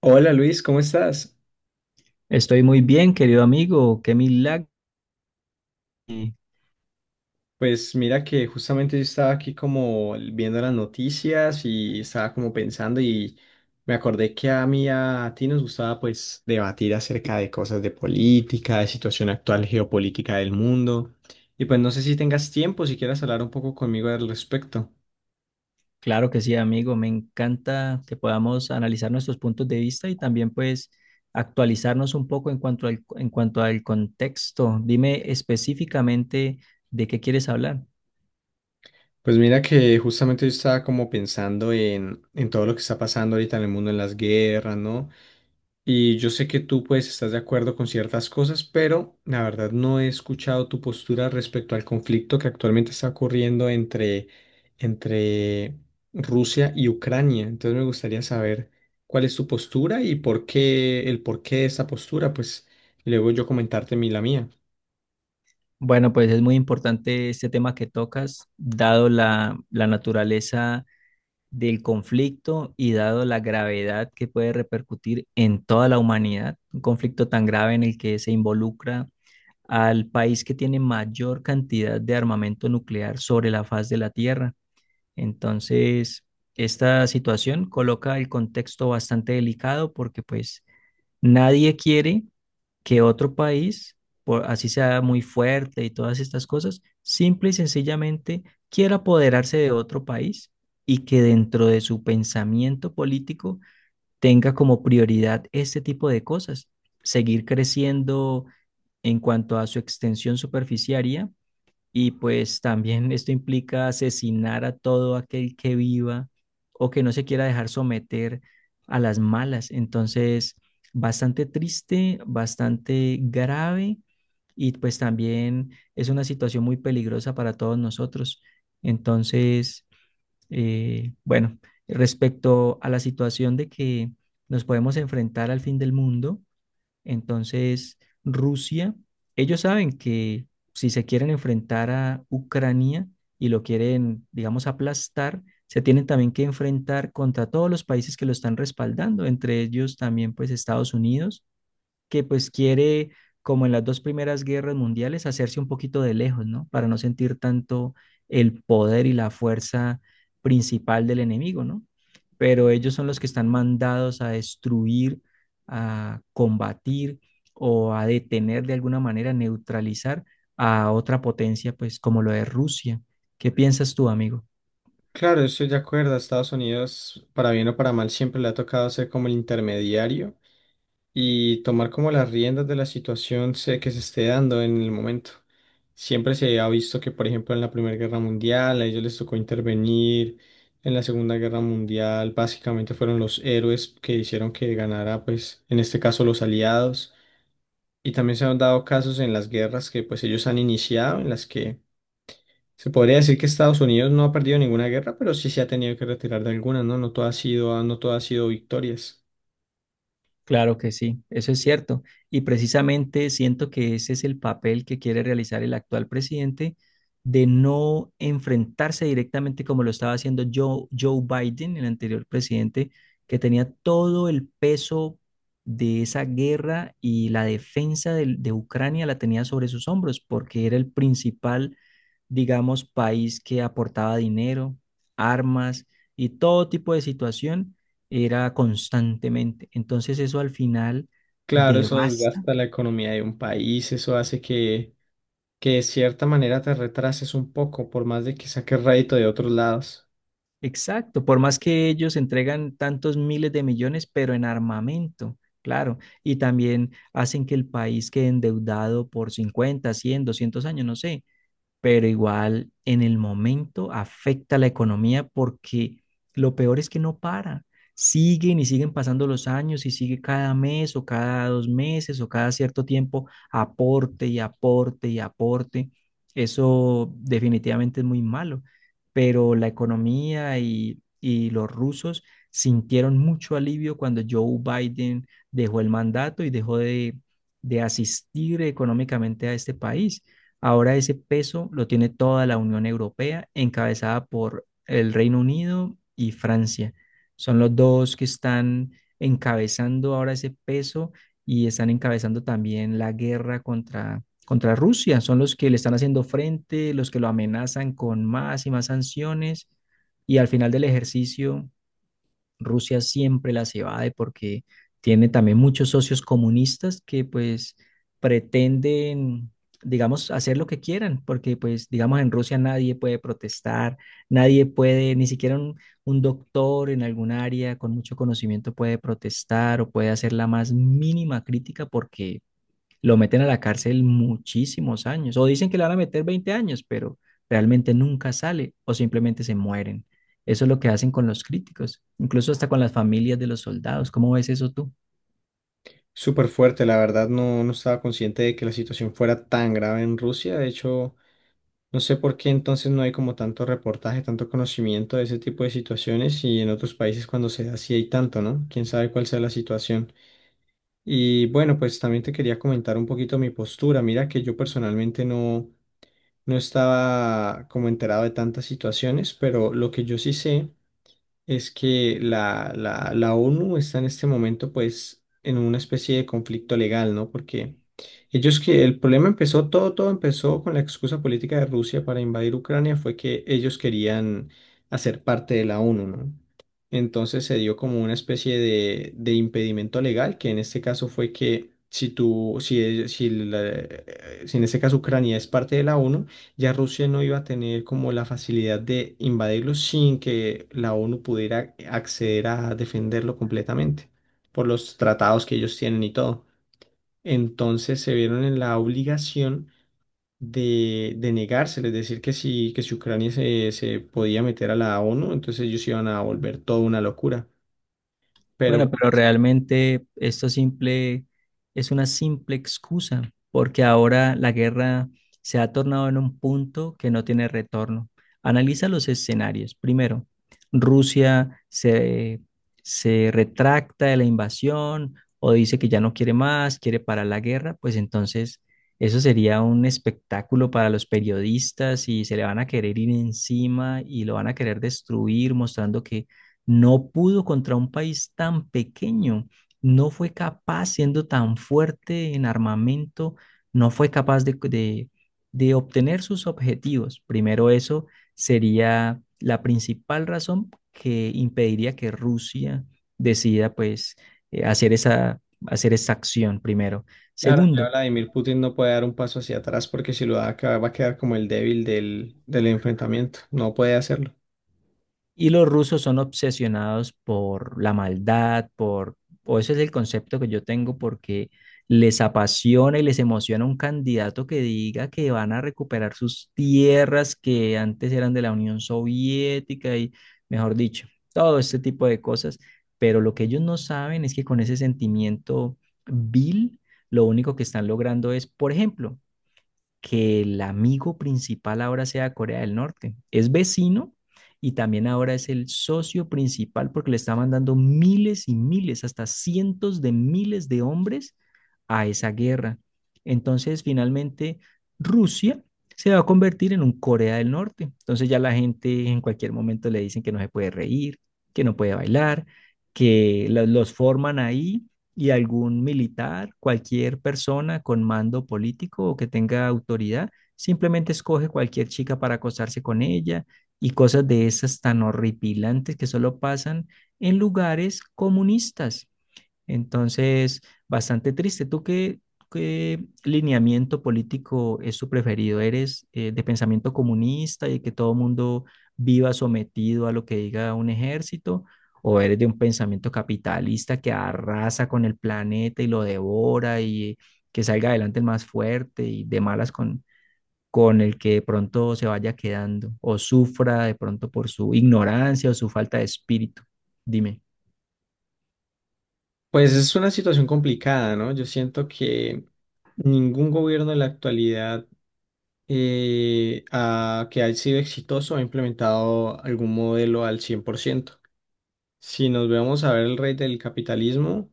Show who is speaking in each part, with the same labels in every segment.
Speaker 1: Hola Luis, ¿cómo estás?
Speaker 2: Estoy muy bien, querido amigo. Qué milagro. Y
Speaker 1: Pues mira que justamente yo estaba aquí como viendo las noticias y estaba como pensando y me acordé que a mí y a ti nos gustaba pues debatir acerca de cosas de política, de situación actual geopolítica del mundo, y pues no sé si tengas tiempo, si quieras hablar un poco conmigo al respecto.
Speaker 2: Claro que sí, amigo. Me encanta que podamos analizar nuestros puntos de vista y también pues actualizarnos un poco en cuanto al contexto. Dime específicamente de qué quieres hablar.
Speaker 1: Pues mira que justamente yo estaba como pensando en todo lo que está pasando ahorita en el mundo, en las guerras, ¿no? Y yo sé que tú pues estás de acuerdo con ciertas cosas, pero la verdad no he escuchado tu postura respecto al conflicto que actualmente está ocurriendo entre Rusia y Ucrania. Entonces me gustaría saber cuál es tu postura y por qué, el por qué de esa postura, pues, y luego yo comentarte mi la mía.
Speaker 2: Bueno, pues es muy importante este tema que tocas, dado la naturaleza del conflicto y dado la gravedad que puede repercutir en toda la humanidad. Un conflicto tan grave en el que se involucra al país que tiene mayor cantidad de armamento nuclear sobre la faz de la Tierra. Entonces, esta situación coloca el contexto bastante delicado porque pues nadie quiere que otro país, por, así sea muy fuerte y todas estas cosas, simple y sencillamente quiera apoderarse de otro país y que dentro de su pensamiento político tenga como prioridad este tipo de cosas, seguir creciendo en cuanto a su extensión superficiaria y pues también esto implica asesinar a todo aquel que viva o que no se quiera dejar someter a las malas. Entonces, bastante triste, bastante grave y pues también es una situación muy peligrosa para todos nosotros. Entonces, bueno, respecto a la situación de que nos podemos enfrentar al fin del mundo, entonces, Rusia, ellos saben que si se quieren enfrentar a Ucrania y lo quieren, digamos, aplastar, se tienen también que enfrentar contra todos los países que lo están respaldando, entre ellos también pues Estados Unidos que pues quiere, como en las dos primeras guerras mundiales, hacerse un poquito de lejos, ¿no? Para no sentir tanto el poder y la fuerza principal del enemigo, ¿no? Pero ellos son los que están mandados a destruir, a combatir o a detener de alguna manera, neutralizar a otra potencia, pues como lo es Rusia. ¿Qué piensas tú, amigo?
Speaker 1: Claro, yo estoy de acuerdo. A Estados Unidos, para bien o para mal, siempre le ha tocado ser como el intermediario y tomar como las riendas de la situación que se esté dando en el momento. Siempre se ha visto que, por ejemplo, en la Primera Guerra Mundial, a ellos les tocó intervenir. En la Segunda Guerra Mundial, básicamente fueron los héroes que hicieron que ganara, pues, en este caso, los aliados. Y también se han dado casos en las guerras que, pues, ellos han iniciado, en las que se podría decir que Estados Unidos no ha perdido ninguna guerra, pero sí se ha tenido que retirar de alguna, ¿no? No todo ha sido, no todo ha sido victorias.
Speaker 2: Claro que sí, eso es cierto. Y precisamente siento que ese es el papel que quiere realizar el actual presidente de no enfrentarse directamente como lo estaba haciendo Joe Biden, el anterior presidente, que tenía todo el peso de esa guerra y la defensa Ucrania la tenía sobre sus hombros porque era el principal digamos, país que aportaba dinero, armas y todo tipo de situación era constantemente. Entonces eso al final
Speaker 1: Claro, eso
Speaker 2: devasta.
Speaker 1: desgasta la economía de un país, eso hace que de cierta manera te retrases un poco, por más de que saques rédito de otros lados.
Speaker 2: Exacto, por más que ellos entregan tantos miles de millones, pero en armamento, claro, y también hacen que el país quede endeudado por 50 100 200 años, no sé, pero igual en el momento afecta la economía porque lo peor es que no para. Siguen y siguen pasando los años y sigue cada mes o cada dos meses o cada cierto tiempo aporte y aporte y aporte. Eso definitivamente es muy malo, pero la economía y los rusos sintieron mucho alivio cuando Joe Biden dejó el mandato y dejó de asistir económicamente a este país. Ahora ese peso lo tiene toda la Unión Europea, encabezada por el Reino Unido y Francia. Son los dos que están encabezando ahora ese peso y están encabezando también la guerra contra Rusia. Son los que le están haciendo frente, los que lo amenazan con más y más sanciones. Y al final del ejercicio, Rusia siempre las evade porque tiene también muchos socios comunistas que pues pretenden, digamos, hacer lo que quieran, porque pues digamos en Rusia nadie puede protestar, nadie puede, ni siquiera un doctor en algún área con mucho conocimiento puede protestar o puede hacer la más mínima crítica porque lo meten a la cárcel muchísimos años, o dicen que le van a meter 20 años, pero realmente nunca sale o simplemente se mueren. Eso es lo que hacen con los críticos, incluso hasta con las familias de los soldados. ¿Cómo ves eso tú?
Speaker 1: Súper fuerte, la verdad, no, no estaba consciente de que la situación fuera tan grave en Rusia. De hecho, no sé por qué entonces no hay como tanto reportaje, tanto conocimiento de ese tipo de situaciones y en otros países cuando se da sí hay tanto, ¿no? Quién sabe cuál sea la situación. Y bueno, pues también te quería comentar un poquito mi postura. Mira que yo personalmente no, no estaba como enterado de tantas situaciones, pero lo que yo sí sé es que la ONU está en este momento pues en una especie de conflicto legal, ¿no? Porque ellos que el problema empezó, todo empezó con la excusa política de Rusia para invadir Ucrania, fue que ellos querían hacer parte de la ONU, ¿no? Entonces se dio como una especie de impedimento legal, que en este caso fue que si tú, si, si, si en este caso Ucrania es parte de la ONU, ya Rusia no iba a tener como la facilidad de invadirlo sin que la ONU pudiera acceder a defenderlo completamente por los tratados que ellos tienen y todo. Entonces se vieron en la obligación de negárselo, es decir, que si Ucrania se, se podía meter a la ONU, entonces ellos iban a volver toda una locura. Pero,
Speaker 2: Bueno, pero
Speaker 1: pues,
Speaker 2: realmente esto simple es una simple excusa, porque ahora la guerra se ha tornado en un punto que no tiene retorno. Analiza los escenarios. Primero, Rusia se retracta de la invasión o dice que ya no quiere más, quiere parar la guerra, pues entonces eso sería un espectáculo para los periodistas y se le van a querer ir encima y lo van a querer destruir mostrando que no pudo contra un país tan pequeño, no fue capaz, siendo tan fuerte en armamento, no fue capaz de obtener sus objetivos. Primero, eso sería la principal razón que impediría que Rusia decida, pues, hacer hacer esa acción primero.
Speaker 1: claro, ya
Speaker 2: Segundo,
Speaker 1: Vladimir Putin no puede dar un paso hacia atrás porque si lo da, va a quedar como el débil del enfrentamiento. No puede hacerlo.
Speaker 2: y los rusos son obsesionados por la maldad, por, o ese es el concepto que yo tengo, porque les apasiona y les emociona un candidato que diga que van a recuperar sus tierras que antes eran de la Unión Soviética y, mejor dicho, todo este tipo de cosas. Pero lo que ellos no saben es que con ese sentimiento vil, lo único que están logrando es, por ejemplo, que el amigo principal ahora sea Corea del Norte. Es vecino y también ahora es el socio principal porque le está mandando miles y miles, hasta cientos de miles de hombres a esa guerra. Entonces, finalmente, Rusia se va a convertir en un Corea del Norte. Entonces ya la gente en cualquier momento le dicen que no se puede reír, que no puede bailar, que lo- los forman ahí y algún militar, cualquier persona con mando político o que tenga autoridad, simplemente escoge cualquier chica para acostarse con ella y cosas de esas tan horripilantes que solo pasan en lugares comunistas. Entonces, bastante triste. ¿ Qué lineamiento político es tu preferido? ¿Eres de pensamiento comunista y que todo mundo viva sometido a lo que diga un ejército? ¿O eres de un pensamiento capitalista que arrasa con el planeta y lo devora y que salga adelante el más fuerte y de malas con el que de pronto se vaya quedando o sufra de pronto por su ignorancia o su falta de espíritu? Dime.
Speaker 1: Pues es una situación complicada, ¿no? Yo siento que ningún gobierno en la actualidad que haya sido exitoso ha implementado algún modelo al 100%. Si nos vemos a ver el rey del capitalismo.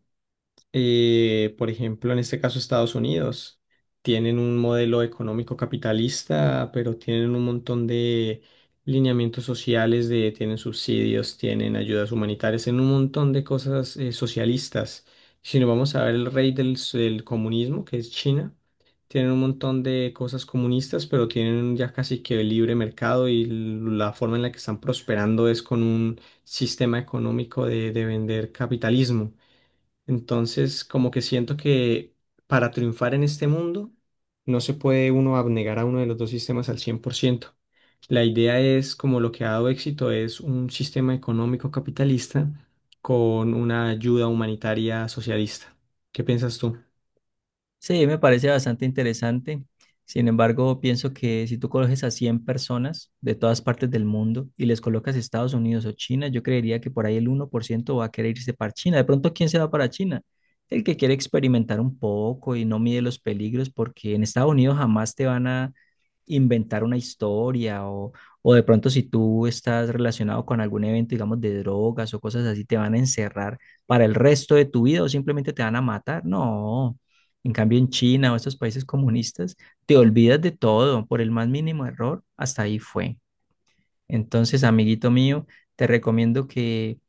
Speaker 1: Por ejemplo, en este caso Estados Unidos, tienen un modelo económico capitalista, pero tienen un montón de lineamientos sociales, de, tienen subsidios, tienen ayudas humanitarias, tienen un montón de cosas socialistas. Si nos vamos a ver el rey del, del comunismo, que es China, tienen un montón de cosas comunistas, pero tienen ya casi que el libre mercado y la forma en la que están prosperando es con un sistema económico de vender capitalismo. Entonces, como que siento que para triunfar en este mundo, no se puede uno abnegar a uno de los dos sistemas al 100%. La idea es, como lo que ha dado éxito, es un sistema económico capitalista con una ayuda humanitaria socialista. ¿Qué piensas tú?
Speaker 2: Sí, me parece bastante interesante. Sin embargo, pienso que si tú coges a 100 personas de todas partes del mundo y les colocas Estados Unidos o China, yo creería que por ahí el 1% va a querer irse para China. De pronto, ¿quién se va para China? El que quiere experimentar un poco y no mide los peligros, porque en Estados Unidos jamás te van a inventar una historia o de pronto si tú estás relacionado con algún evento, digamos, de drogas o cosas así, te van a encerrar para el resto de tu vida o simplemente te van a matar. No. En cambio, en China o estos países comunistas, te olvidas de todo por el más mínimo error, hasta ahí fue. Entonces, amiguito mío, te recomiendo que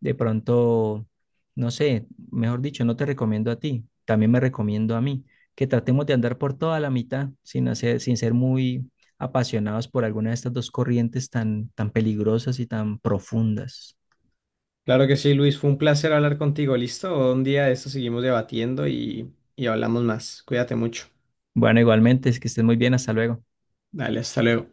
Speaker 2: de pronto, no sé, mejor dicho, no te recomiendo a ti, también me recomiendo a mí, que tratemos de andar por toda la mitad sin ser muy apasionados por alguna de estas dos corrientes tan, tan peligrosas y tan profundas.
Speaker 1: Claro que sí, Luis, fue un placer hablar contigo. ¿Listo? Un día de esto seguimos debatiendo y hablamos más. Cuídate mucho.
Speaker 2: Bueno, igualmente, es que estés muy bien, hasta luego.
Speaker 1: Dale, hasta luego.